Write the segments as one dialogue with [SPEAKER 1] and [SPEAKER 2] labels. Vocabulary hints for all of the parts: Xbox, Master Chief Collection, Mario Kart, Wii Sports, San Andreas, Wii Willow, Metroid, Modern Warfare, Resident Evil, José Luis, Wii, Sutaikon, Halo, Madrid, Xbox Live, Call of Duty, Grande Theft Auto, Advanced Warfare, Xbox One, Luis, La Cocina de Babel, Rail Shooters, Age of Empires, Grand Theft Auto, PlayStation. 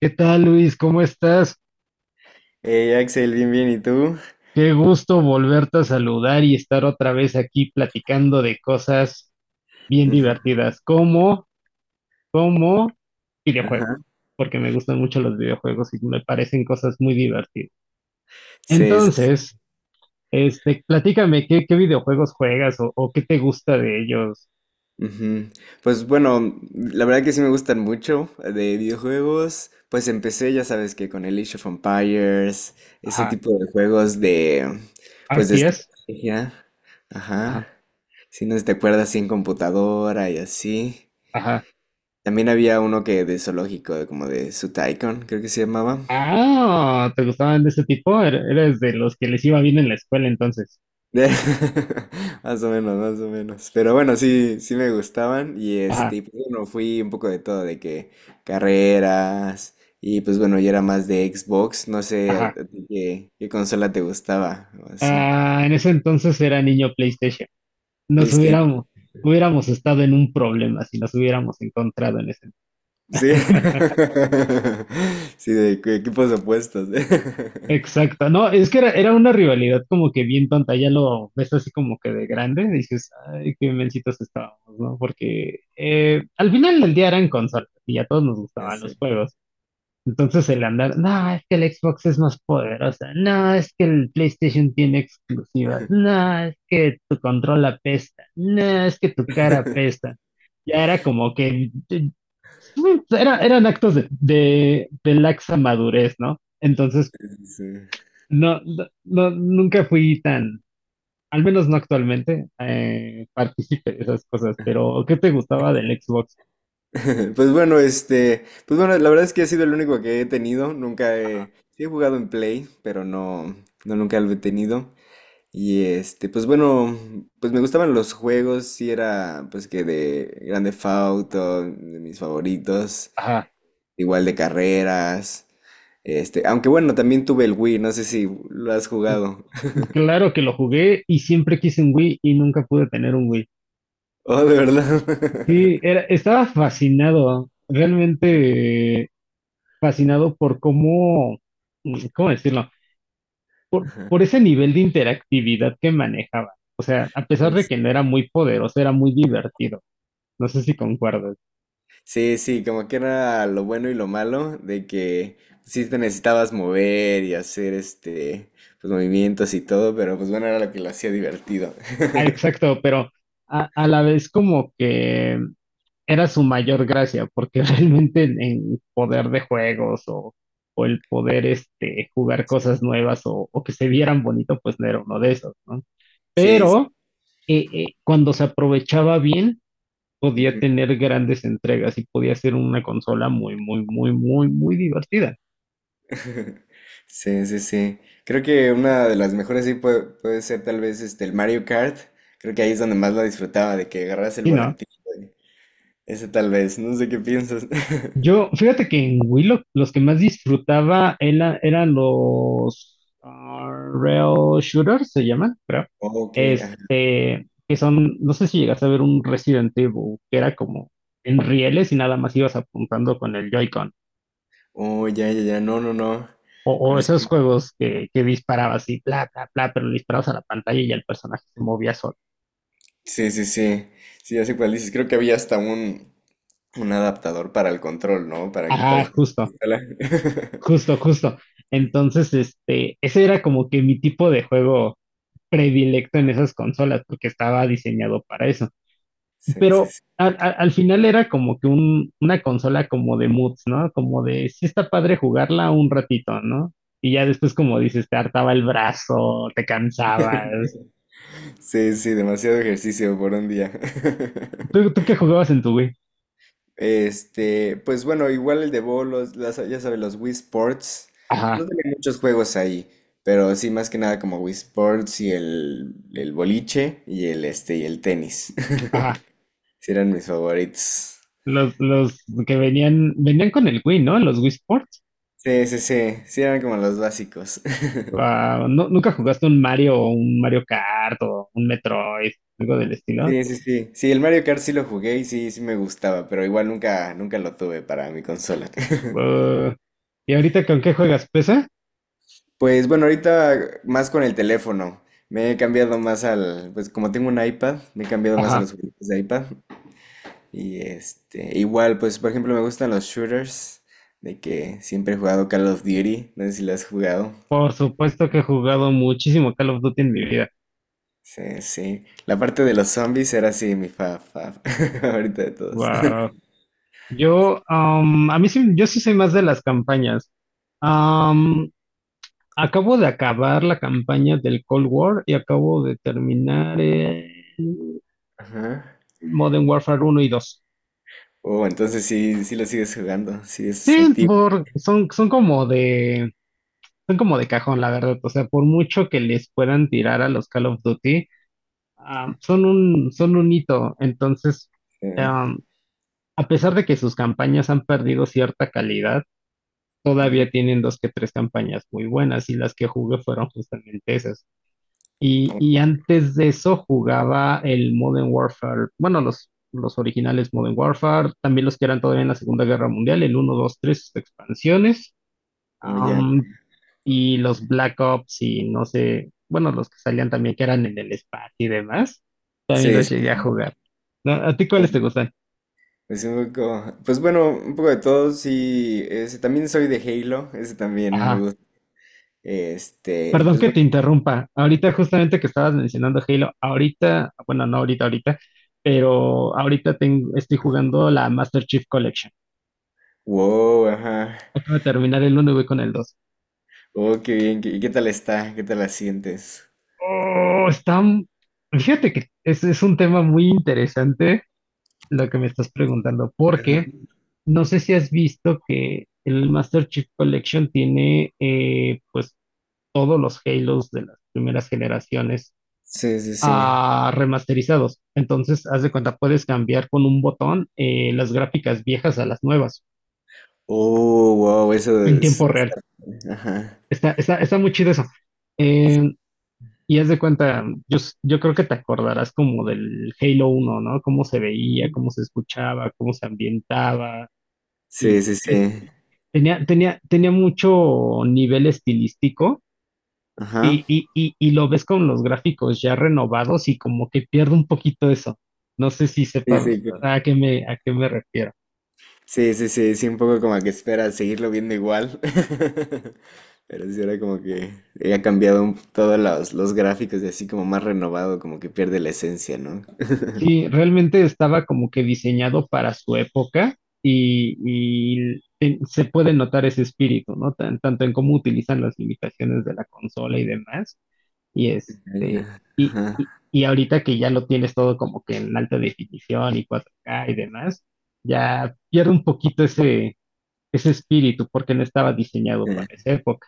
[SPEAKER 1] ¿Qué tal, Luis? ¿Cómo estás?
[SPEAKER 2] Hey Axel, bien, bien, ¿y tú?
[SPEAKER 1] Qué gusto volverte a saludar y estar otra vez aquí platicando de cosas bien
[SPEAKER 2] Ujú.
[SPEAKER 1] divertidas, como videojuegos,
[SPEAKER 2] Ajá.
[SPEAKER 1] porque me gustan mucho los videojuegos y me parecen cosas muy divertidas.
[SPEAKER 2] Sí, sí, sí.
[SPEAKER 1] Entonces, platícame qué videojuegos juegas o qué te gusta de ellos.
[SPEAKER 2] Ujú. Pues bueno, la verdad que sí me gustan mucho de videojuegos. Pues empecé, ya sabes, que con el Age of Empires, ese
[SPEAKER 1] Ajá,
[SPEAKER 2] tipo de juegos de, pues de
[SPEAKER 1] ¿RTS?
[SPEAKER 2] estrategia.
[SPEAKER 1] Ajá,
[SPEAKER 2] Ajá. Si no sé si te acuerdas, así en computadora y así.
[SPEAKER 1] ajá.
[SPEAKER 2] También había uno que de zoológico, de como de Sutaikon, creo que se llamaba.
[SPEAKER 1] Ah, ¿te gustaban de ese tipo? Eres de los que les iba bien en la escuela entonces.
[SPEAKER 2] Más o menos, más o menos. Pero bueno, sí, sí me gustaban. Y este,
[SPEAKER 1] Ajá.
[SPEAKER 2] y pues bueno, fui un poco de todo, de que carreras. Y pues bueno, yo era más de Xbox. No sé
[SPEAKER 1] Ajá.
[SPEAKER 2] a ti qué, qué consola te gustaba o así.
[SPEAKER 1] Ah, en ese entonces era niño PlayStation. Nos
[SPEAKER 2] PlayStation.
[SPEAKER 1] hubiéramos, hubiéramos estado en un problema si nos hubiéramos encontrado en ese.
[SPEAKER 2] Sí. Sí, de equipos opuestos.
[SPEAKER 1] Exacto, no, es que era una rivalidad como que bien tonta. Ya lo ves así como que de grande y dices, ay, qué mencitos estábamos, ¿no? Porque al final del día eran consolas y a todos nos
[SPEAKER 2] No
[SPEAKER 1] gustaban los
[SPEAKER 2] sé.
[SPEAKER 1] juegos. Entonces el andar, no, es que el Xbox es más poderosa, no, es que el PlayStation tiene exclusivas, no, es que tu control apesta, no, es que tu cara apesta. Ya era como que, eran actos de laxa madurez, ¿no? Entonces,
[SPEAKER 2] Sí, sí, sí.
[SPEAKER 1] no, nunca fui tan, al menos no actualmente, partícipe de esas cosas. Pero ¿qué te gustaba del Xbox?
[SPEAKER 2] Pues bueno, este, pues bueno, la verdad es que he sido el único que he tenido, nunca he, sí he jugado en Play, pero no nunca lo he tenido. Y este, pues bueno, pues me gustaban los juegos, sí era pues que de Grande Theft Auto, de mis favoritos,
[SPEAKER 1] Ajá,
[SPEAKER 2] igual de carreras, este, aunque bueno, también tuve el Wii, no sé si lo has jugado.
[SPEAKER 1] claro que lo jugué y siempre quise un Wii y nunca pude tener un Wii.
[SPEAKER 2] Oh, ¿de verdad?
[SPEAKER 1] Sí, estaba fascinado, realmente fascinado por cómo, ¿cómo decirlo? Por,
[SPEAKER 2] Ajá,
[SPEAKER 1] por ese nivel de interactividad que manejaba. O sea, a pesar
[SPEAKER 2] sí,
[SPEAKER 1] de
[SPEAKER 2] sí.
[SPEAKER 1] que no era muy poderoso, era muy divertido. No sé si concuerdas.
[SPEAKER 2] Sí, sí, como que era lo bueno y lo malo de que sí te necesitabas mover y hacer este, pues movimientos y todo, pero pues bueno, era lo que lo hacía divertido.
[SPEAKER 1] Ah, exacto, pero a la vez como que era su mayor gracia, porque realmente en poder de juegos o el poder jugar cosas nuevas o que se vieran bonito, pues no era uno de esos, ¿no?
[SPEAKER 2] Sí, sí.
[SPEAKER 1] Pero, cuando se aprovechaba bien, podía
[SPEAKER 2] Ujú.
[SPEAKER 1] tener grandes entregas y podía ser una consola muy, muy, muy, muy, muy divertida.
[SPEAKER 2] Sí, sí, sí. Creo que una de las mejores sí puede, puede ser tal vez este, el Mario Kart. Creo que ahí es donde más lo disfrutaba, de que agarras el
[SPEAKER 1] Y no,
[SPEAKER 2] volantito. y- Ese tal vez, no sé qué piensas.
[SPEAKER 1] fíjate que en Wii Willow los que más disfrutaba eran los Rail Shooters, se llaman, creo.
[SPEAKER 2] Ok, ajá.
[SPEAKER 1] Que son, no sé si llegas a ver un Resident Evil, que era como en rieles y nada más ibas apuntando con el Joy-Con.
[SPEAKER 2] Oh, ya, ya, ya, no, no, no.
[SPEAKER 1] O esos juegos que disparabas y bla, bla, bla, pero le disparabas a la pantalla y ya el personaje se movía solo.
[SPEAKER 2] Sí, sí, sí. Sí, ya sé cuál dices. Creo que había hasta un adaptador para el control, ¿no? Para que
[SPEAKER 1] Ajá,
[SPEAKER 2] parezca
[SPEAKER 1] justo,
[SPEAKER 2] pistola.
[SPEAKER 1] justo, justo. Entonces, ese era como que mi tipo de juego predilecto en esas consolas, porque estaba diseñado para eso.
[SPEAKER 2] Sí, sí,
[SPEAKER 1] Pero
[SPEAKER 2] sí.
[SPEAKER 1] al final era como que una consola como de moods, ¿no? Como de, sí está padre jugarla un ratito, ¿no? Y ya después, como dices, te hartaba el brazo, te cansabas.
[SPEAKER 2] Sí, sí, demasiado ejercicio por un día.
[SPEAKER 1] ¿Tú, tú qué jugabas en tu Wii?
[SPEAKER 2] Este, pues bueno, igual el de bolos, las, ya sabes, los Wii Sports.
[SPEAKER 1] Ajá,
[SPEAKER 2] No tenía muchos juegos ahí, pero sí, más que nada como Wii Sports y el boliche y el este y el tenis.
[SPEAKER 1] ajá.
[SPEAKER 2] Sí eran mis favoritos.
[SPEAKER 1] Los que venían con el Wii, ¿no? Los Wii Sports.
[SPEAKER 2] Sí, sí, sí. Sí eran como los básicos.
[SPEAKER 1] Wow, ¿Nunca jugaste un Mario o un Mario Kart o un Metroid, algo del estilo?
[SPEAKER 2] Sí, sí, sí. Sí, el Mario Kart sí lo jugué y sí, sí me gustaba, pero igual nunca, nunca lo tuve para mi consola.
[SPEAKER 1] Uh, ¿y ahorita con qué juegas? ¿PC?
[SPEAKER 2] Pues bueno, ahorita más con el teléfono. Me he cambiado más al, pues como tengo un iPad, me he cambiado más a
[SPEAKER 1] Ajá,
[SPEAKER 2] los juegos de iPad. Y este, igual, pues por ejemplo me gustan los shooters, de que siempre he jugado Call of Duty, no sé si lo has jugado.
[SPEAKER 1] por supuesto que he jugado muchísimo Call of Duty en mi vida.
[SPEAKER 2] Sí, sí. La parte de los zombies era así mi favorita de todos.
[SPEAKER 1] Wow. A mí sí, yo sí soy más de las campañas. Am, Acabo de acabar la campaña del Cold War y acabo de terminar el
[SPEAKER 2] Ajá.
[SPEAKER 1] Modern Warfare uno y dos.
[SPEAKER 2] Oh, entonces sí, sí lo sigues jugando, sí es
[SPEAKER 1] Sí,
[SPEAKER 2] activo.
[SPEAKER 1] son como de cajón, la verdad. O sea, por mucho que les puedan tirar a los Call of Duty, son un hito. Entonces,
[SPEAKER 2] Eh,
[SPEAKER 1] ah, a pesar de que sus campañas han perdido cierta calidad,
[SPEAKER 2] ujú.
[SPEAKER 1] todavía tienen dos que tres campañas muy buenas y las que jugué fueron justamente esas. Y,
[SPEAKER 2] Como,
[SPEAKER 1] y antes de eso jugaba el Modern Warfare, bueno, los originales Modern Warfare, también los que eran todavía en la Segunda Guerra Mundial, el uno 2 3 expansiones.
[SPEAKER 2] como ya.
[SPEAKER 1] Um, y los Black Ops y no sé, bueno, los que salían también que eran en el espacio y demás, también
[SPEAKER 2] Sí,
[SPEAKER 1] los
[SPEAKER 2] sí,
[SPEAKER 1] llegué a
[SPEAKER 2] sí.
[SPEAKER 1] jugar. ¿No? ¿A ti cuáles te
[SPEAKER 2] Um,
[SPEAKER 1] gustan?
[SPEAKER 2] pues un poco, pues bueno, un poco de todo, sí, ese, también soy de Halo, ese también me
[SPEAKER 1] Ajá.
[SPEAKER 2] gusta, este, y
[SPEAKER 1] Perdón
[SPEAKER 2] pues
[SPEAKER 1] que
[SPEAKER 2] bueno,
[SPEAKER 1] te interrumpa. Ahorita justamente que estabas mencionando Halo, ahorita, bueno, no ahorita, ahorita, pero ahorita estoy jugando la Master Chief Collection.
[SPEAKER 2] wow, ajá,
[SPEAKER 1] Acabo de terminar el uno y voy con el dos.
[SPEAKER 2] oh, qué bien, qué- ¿y qué tal está? ¿Qué tal la sientes?
[SPEAKER 1] Oh, fíjate que es un tema muy interesante lo que me estás preguntando,
[SPEAKER 2] Ajá.
[SPEAKER 1] porque no sé si has visto que el Master Chief Collection tiene pues todos los Halos de las primeras generaciones
[SPEAKER 2] Sí, sí, sí,
[SPEAKER 1] remasterizados. Entonces, haz de cuenta, puedes cambiar con un botón las gráficas viejas a las nuevas
[SPEAKER 2] oh, wow, eso
[SPEAKER 1] en
[SPEAKER 2] es,
[SPEAKER 1] tiempo real.
[SPEAKER 2] ajá,
[SPEAKER 1] Está muy chido eso. Eh, y haz de cuenta, yo creo que te acordarás como del Halo uno, ¿no? Cómo se veía, cómo se escuchaba, cómo se ambientaba.
[SPEAKER 2] sí,
[SPEAKER 1] Y,
[SPEAKER 2] sí,
[SPEAKER 1] y
[SPEAKER 2] sí,
[SPEAKER 1] Tenía, tenía, tenía mucho nivel estilístico,
[SPEAKER 2] ajá,
[SPEAKER 1] y lo ves con los gráficos ya renovados y como que pierde un poquito eso. No sé si
[SPEAKER 2] sí,
[SPEAKER 1] sepan
[SPEAKER 2] sí,
[SPEAKER 1] a qué me refiero.
[SPEAKER 2] sí, sí, sí, sí, un poco como que espera seguirlo viendo igual. Pero sí, era como que ha cambiado todos los gráficos y así como más renovado, como que pierde la esencia, ¿no?
[SPEAKER 1] Sí, realmente estaba como que diseñado para su época y, y se puede notar ese espíritu, ¿no? Tanto en cómo utilizan las limitaciones de la consola y demás. Y
[SPEAKER 2] Ah,
[SPEAKER 1] este,
[SPEAKER 2] ya,
[SPEAKER 1] y,
[SPEAKER 2] ajá,
[SPEAKER 1] y, y ahorita que ya lo tienes todo como que en alta definición y 4K y demás, ya pierde un poquito ese espíritu porque no estaba diseñado
[SPEAKER 2] eh,
[SPEAKER 1] para esa época.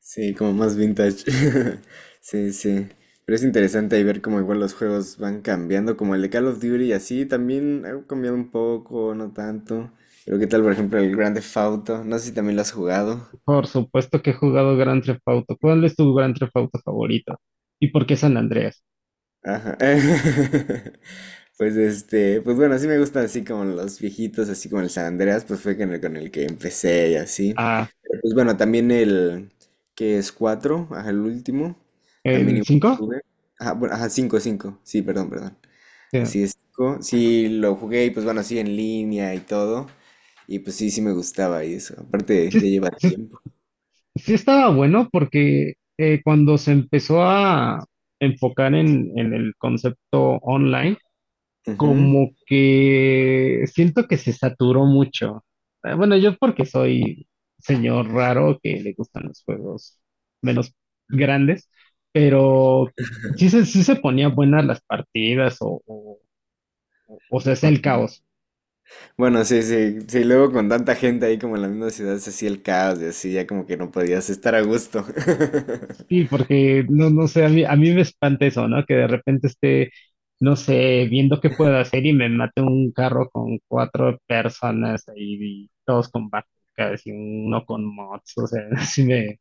[SPEAKER 2] sí, como más vintage. Sí, sí. Pero es interesante ahí ver cómo igual los juegos van cambiando, como el de Call of Duty y así también ha cambiado un poco, no tanto. Pero qué tal, por ejemplo, el Grand Theft Auto, no sé si también lo has jugado.
[SPEAKER 1] Por supuesto que he jugado Grand Theft Auto. ¿Cuál es tu Grand Theft Auto favorito? ¿Y por qué San Andreas?
[SPEAKER 2] Ajá. Pues este, pues bueno, sí me gustan así como los viejitos, así como el San Andreas, pues fue con el que empecé y así.
[SPEAKER 1] Ah,
[SPEAKER 2] Pues bueno, también el que es 4 ajá, el último, también
[SPEAKER 1] ¿el
[SPEAKER 2] igual lo
[SPEAKER 1] cinco?
[SPEAKER 2] tuve. Ajá, bueno, ajá, cinco, 5 sí, perdón, perdón.
[SPEAKER 1] Eh,
[SPEAKER 2] Así es, 5, sí lo jugué y pues bueno, así en línea y todo. Y pues sí, sí me gustaba y eso. Aparte, ya
[SPEAKER 1] Sí,
[SPEAKER 2] lleva
[SPEAKER 1] sí,
[SPEAKER 2] tiempo.
[SPEAKER 1] sí, estaba bueno porque cuando se empezó a enfocar en el concepto online,
[SPEAKER 2] Ujú.
[SPEAKER 1] como que siento que se saturó mucho. Bueno, yo porque soy señor raro que le gustan los juegos menos grandes. Pero sí se ponían buenas las partidas o se hacía el caos.
[SPEAKER 2] Bueno, sí, sí, sí, luego con tanta gente ahí como en la misma ciudad se hacía el caos y así, ya como que no podías estar a gusto.
[SPEAKER 1] Sí, porque no, no sé, a mí me espanta eso, ¿no? Que de repente esté, no sé, viendo qué puedo hacer y me mate un carro con cuatro personas ahí, y todos con bazookas y uno con mods, o sea, así me,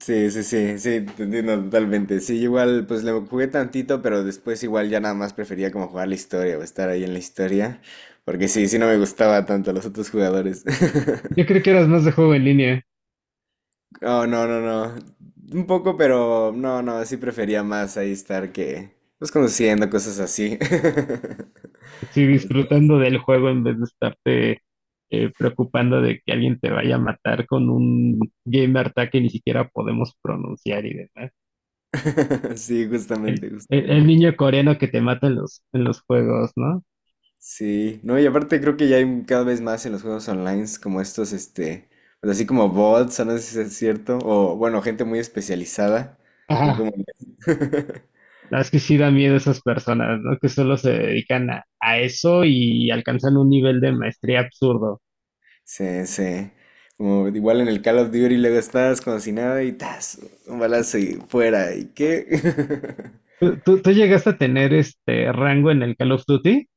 [SPEAKER 2] Sí, sí, sí, sí, te entiendo totalmente. Sí, igual pues le jugué tantito, pero después igual ya nada más prefería como jugar la historia o estar ahí en la historia, porque sí, sí no me gustaba tanto los otros jugadores.
[SPEAKER 1] yo creo que eras más de juego en línea,
[SPEAKER 2] Oh, no, no, no. Un poco, pero no, no, sí prefería más ahí estar que pues conociendo cosas así.
[SPEAKER 1] sí, disfrutando del juego en vez de estarte preocupando de que alguien te vaya a matar con un game art que ni siquiera podemos pronunciar y demás.
[SPEAKER 2] Sí,
[SPEAKER 1] El,
[SPEAKER 2] justamente,
[SPEAKER 1] el- el
[SPEAKER 2] justamente.
[SPEAKER 1] niño coreano que te mata en los juegos, ¿no?
[SPEAKER 2] Sí, no, y aparte creo que ya hay cada vez más en los juegos online como estos, este, pues así como bots, no sé si es cierto, o bueno, gente muy especializada. que
[SPEAKER 1] Ajá.
[SPEAKER 2] como-
[SPEAKER 1] La verdad es que sí da miedo esas personas, ¿no? Que solo se dedican a eso y alcanzan un nivel de maestría absurdo.
[SPEAKER 2] Sí, sí. Como igual en el Call of Duty luego estás como si nada y tas, un balazo y fuera, ¿y qué?
[SPEAKER 1] ¿Tú llegaste a tener este rango en el Call of Duty?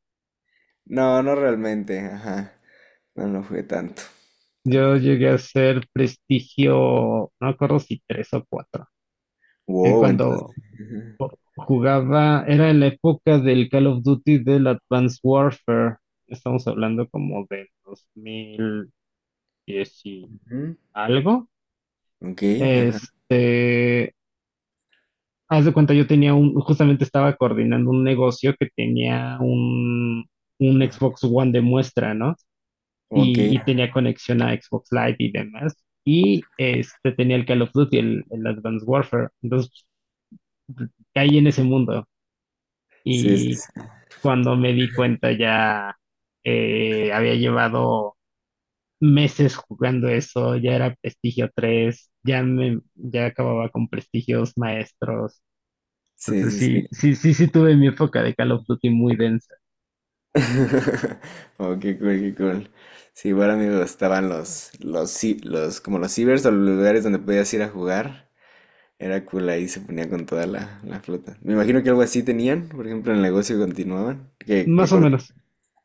[SPEAKER 2] No, no realmente, ajá. No, no jugué
[SPEAKER 1] Yo
[SPEAKER 2] tanto.
[SPEAKER 1] llegué a ser prestigio, no me acuerdo si tres o cuatro.
[SPEAKER 2] Wow, entonces.
[SPEAKER 1] Cuando
[SPEAKER 2] Ajá,
[SPEAKER 1] jugaba, era en la época del Call of Duty del Advanced Warfare. Estamos hablando como de 2010 y
[SPEAKER 2] ujú,
[SPEAKER 1] algo.
[SPEAKER 2] ok, ajá,
[SPEAKER 1] Este, Haz de cuenta, yo tenía justamente estaba coordinando un negocio que tenía un
[SPEAKER 2] ajá,
[SPEAKER 1] Xbox One de muestra, ¿no?
[SPEAKER 2] ok.
[SPEAKER 1] Y tenía conexión a Xbox Live y demás. Y este tenía el Call of Duty, el Advanced Warfare. Entonces caí en ese mundo.
[SPEAKER 2] Sí,
[SPEAKER 1] Y
[SPEAKER 2] sí,
[SPEAKER 1] cuando me di cuenta ya había llevado meses jugando eso. Ya era prestigio tres, ya acababa con prestigios maestros.
[SPEAKER 2] sí,
[SPEAKER 1] Entonces
[SPEAKER 2] sí, sí,
[SPEAKER 1] sí,
[SPEAKER 2] sí.
[SPEAKER 1] sí, sí, sí tuve mi época de Call of Duty muy densa.
[SPEAKER 2] Oh, qué cool, qué cool. Sí, igual a mí me gustaban los, los, como los cibers o los lugares donde podías ir a jugar. Era cool, ahí se ponía con toda la, la flota. Me imagino que algo así tenían, por ejemplo, en el negocio continuaban. Que
[SPEAKER 1] Más o
[SPEAKER 2] coordinaban.
[SPEAKER 1] menos.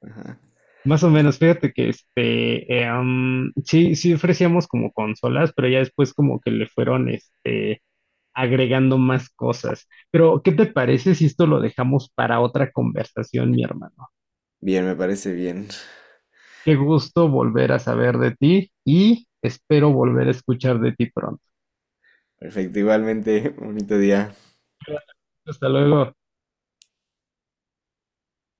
[SPEAKER 2] Ajá.
[SPEAKER 1] Más o menos, fíjate que sí, sí ofrecíamos como consolas, pero ya después como que le fueron agregando más cosas. Pero, ¿qué te parece si esto lo dejamos para otra conversación, mi hermano?
[SPEAKER 2] Bien, me parece bien.
[SPEAKER 1] Qué gusto volver a saber de ti y espero volver a escuchar de ti pronto.
[SPEAKER 2] Perfecto, igualmente, bonito día.
[SPEAKER 1] Hasta luego.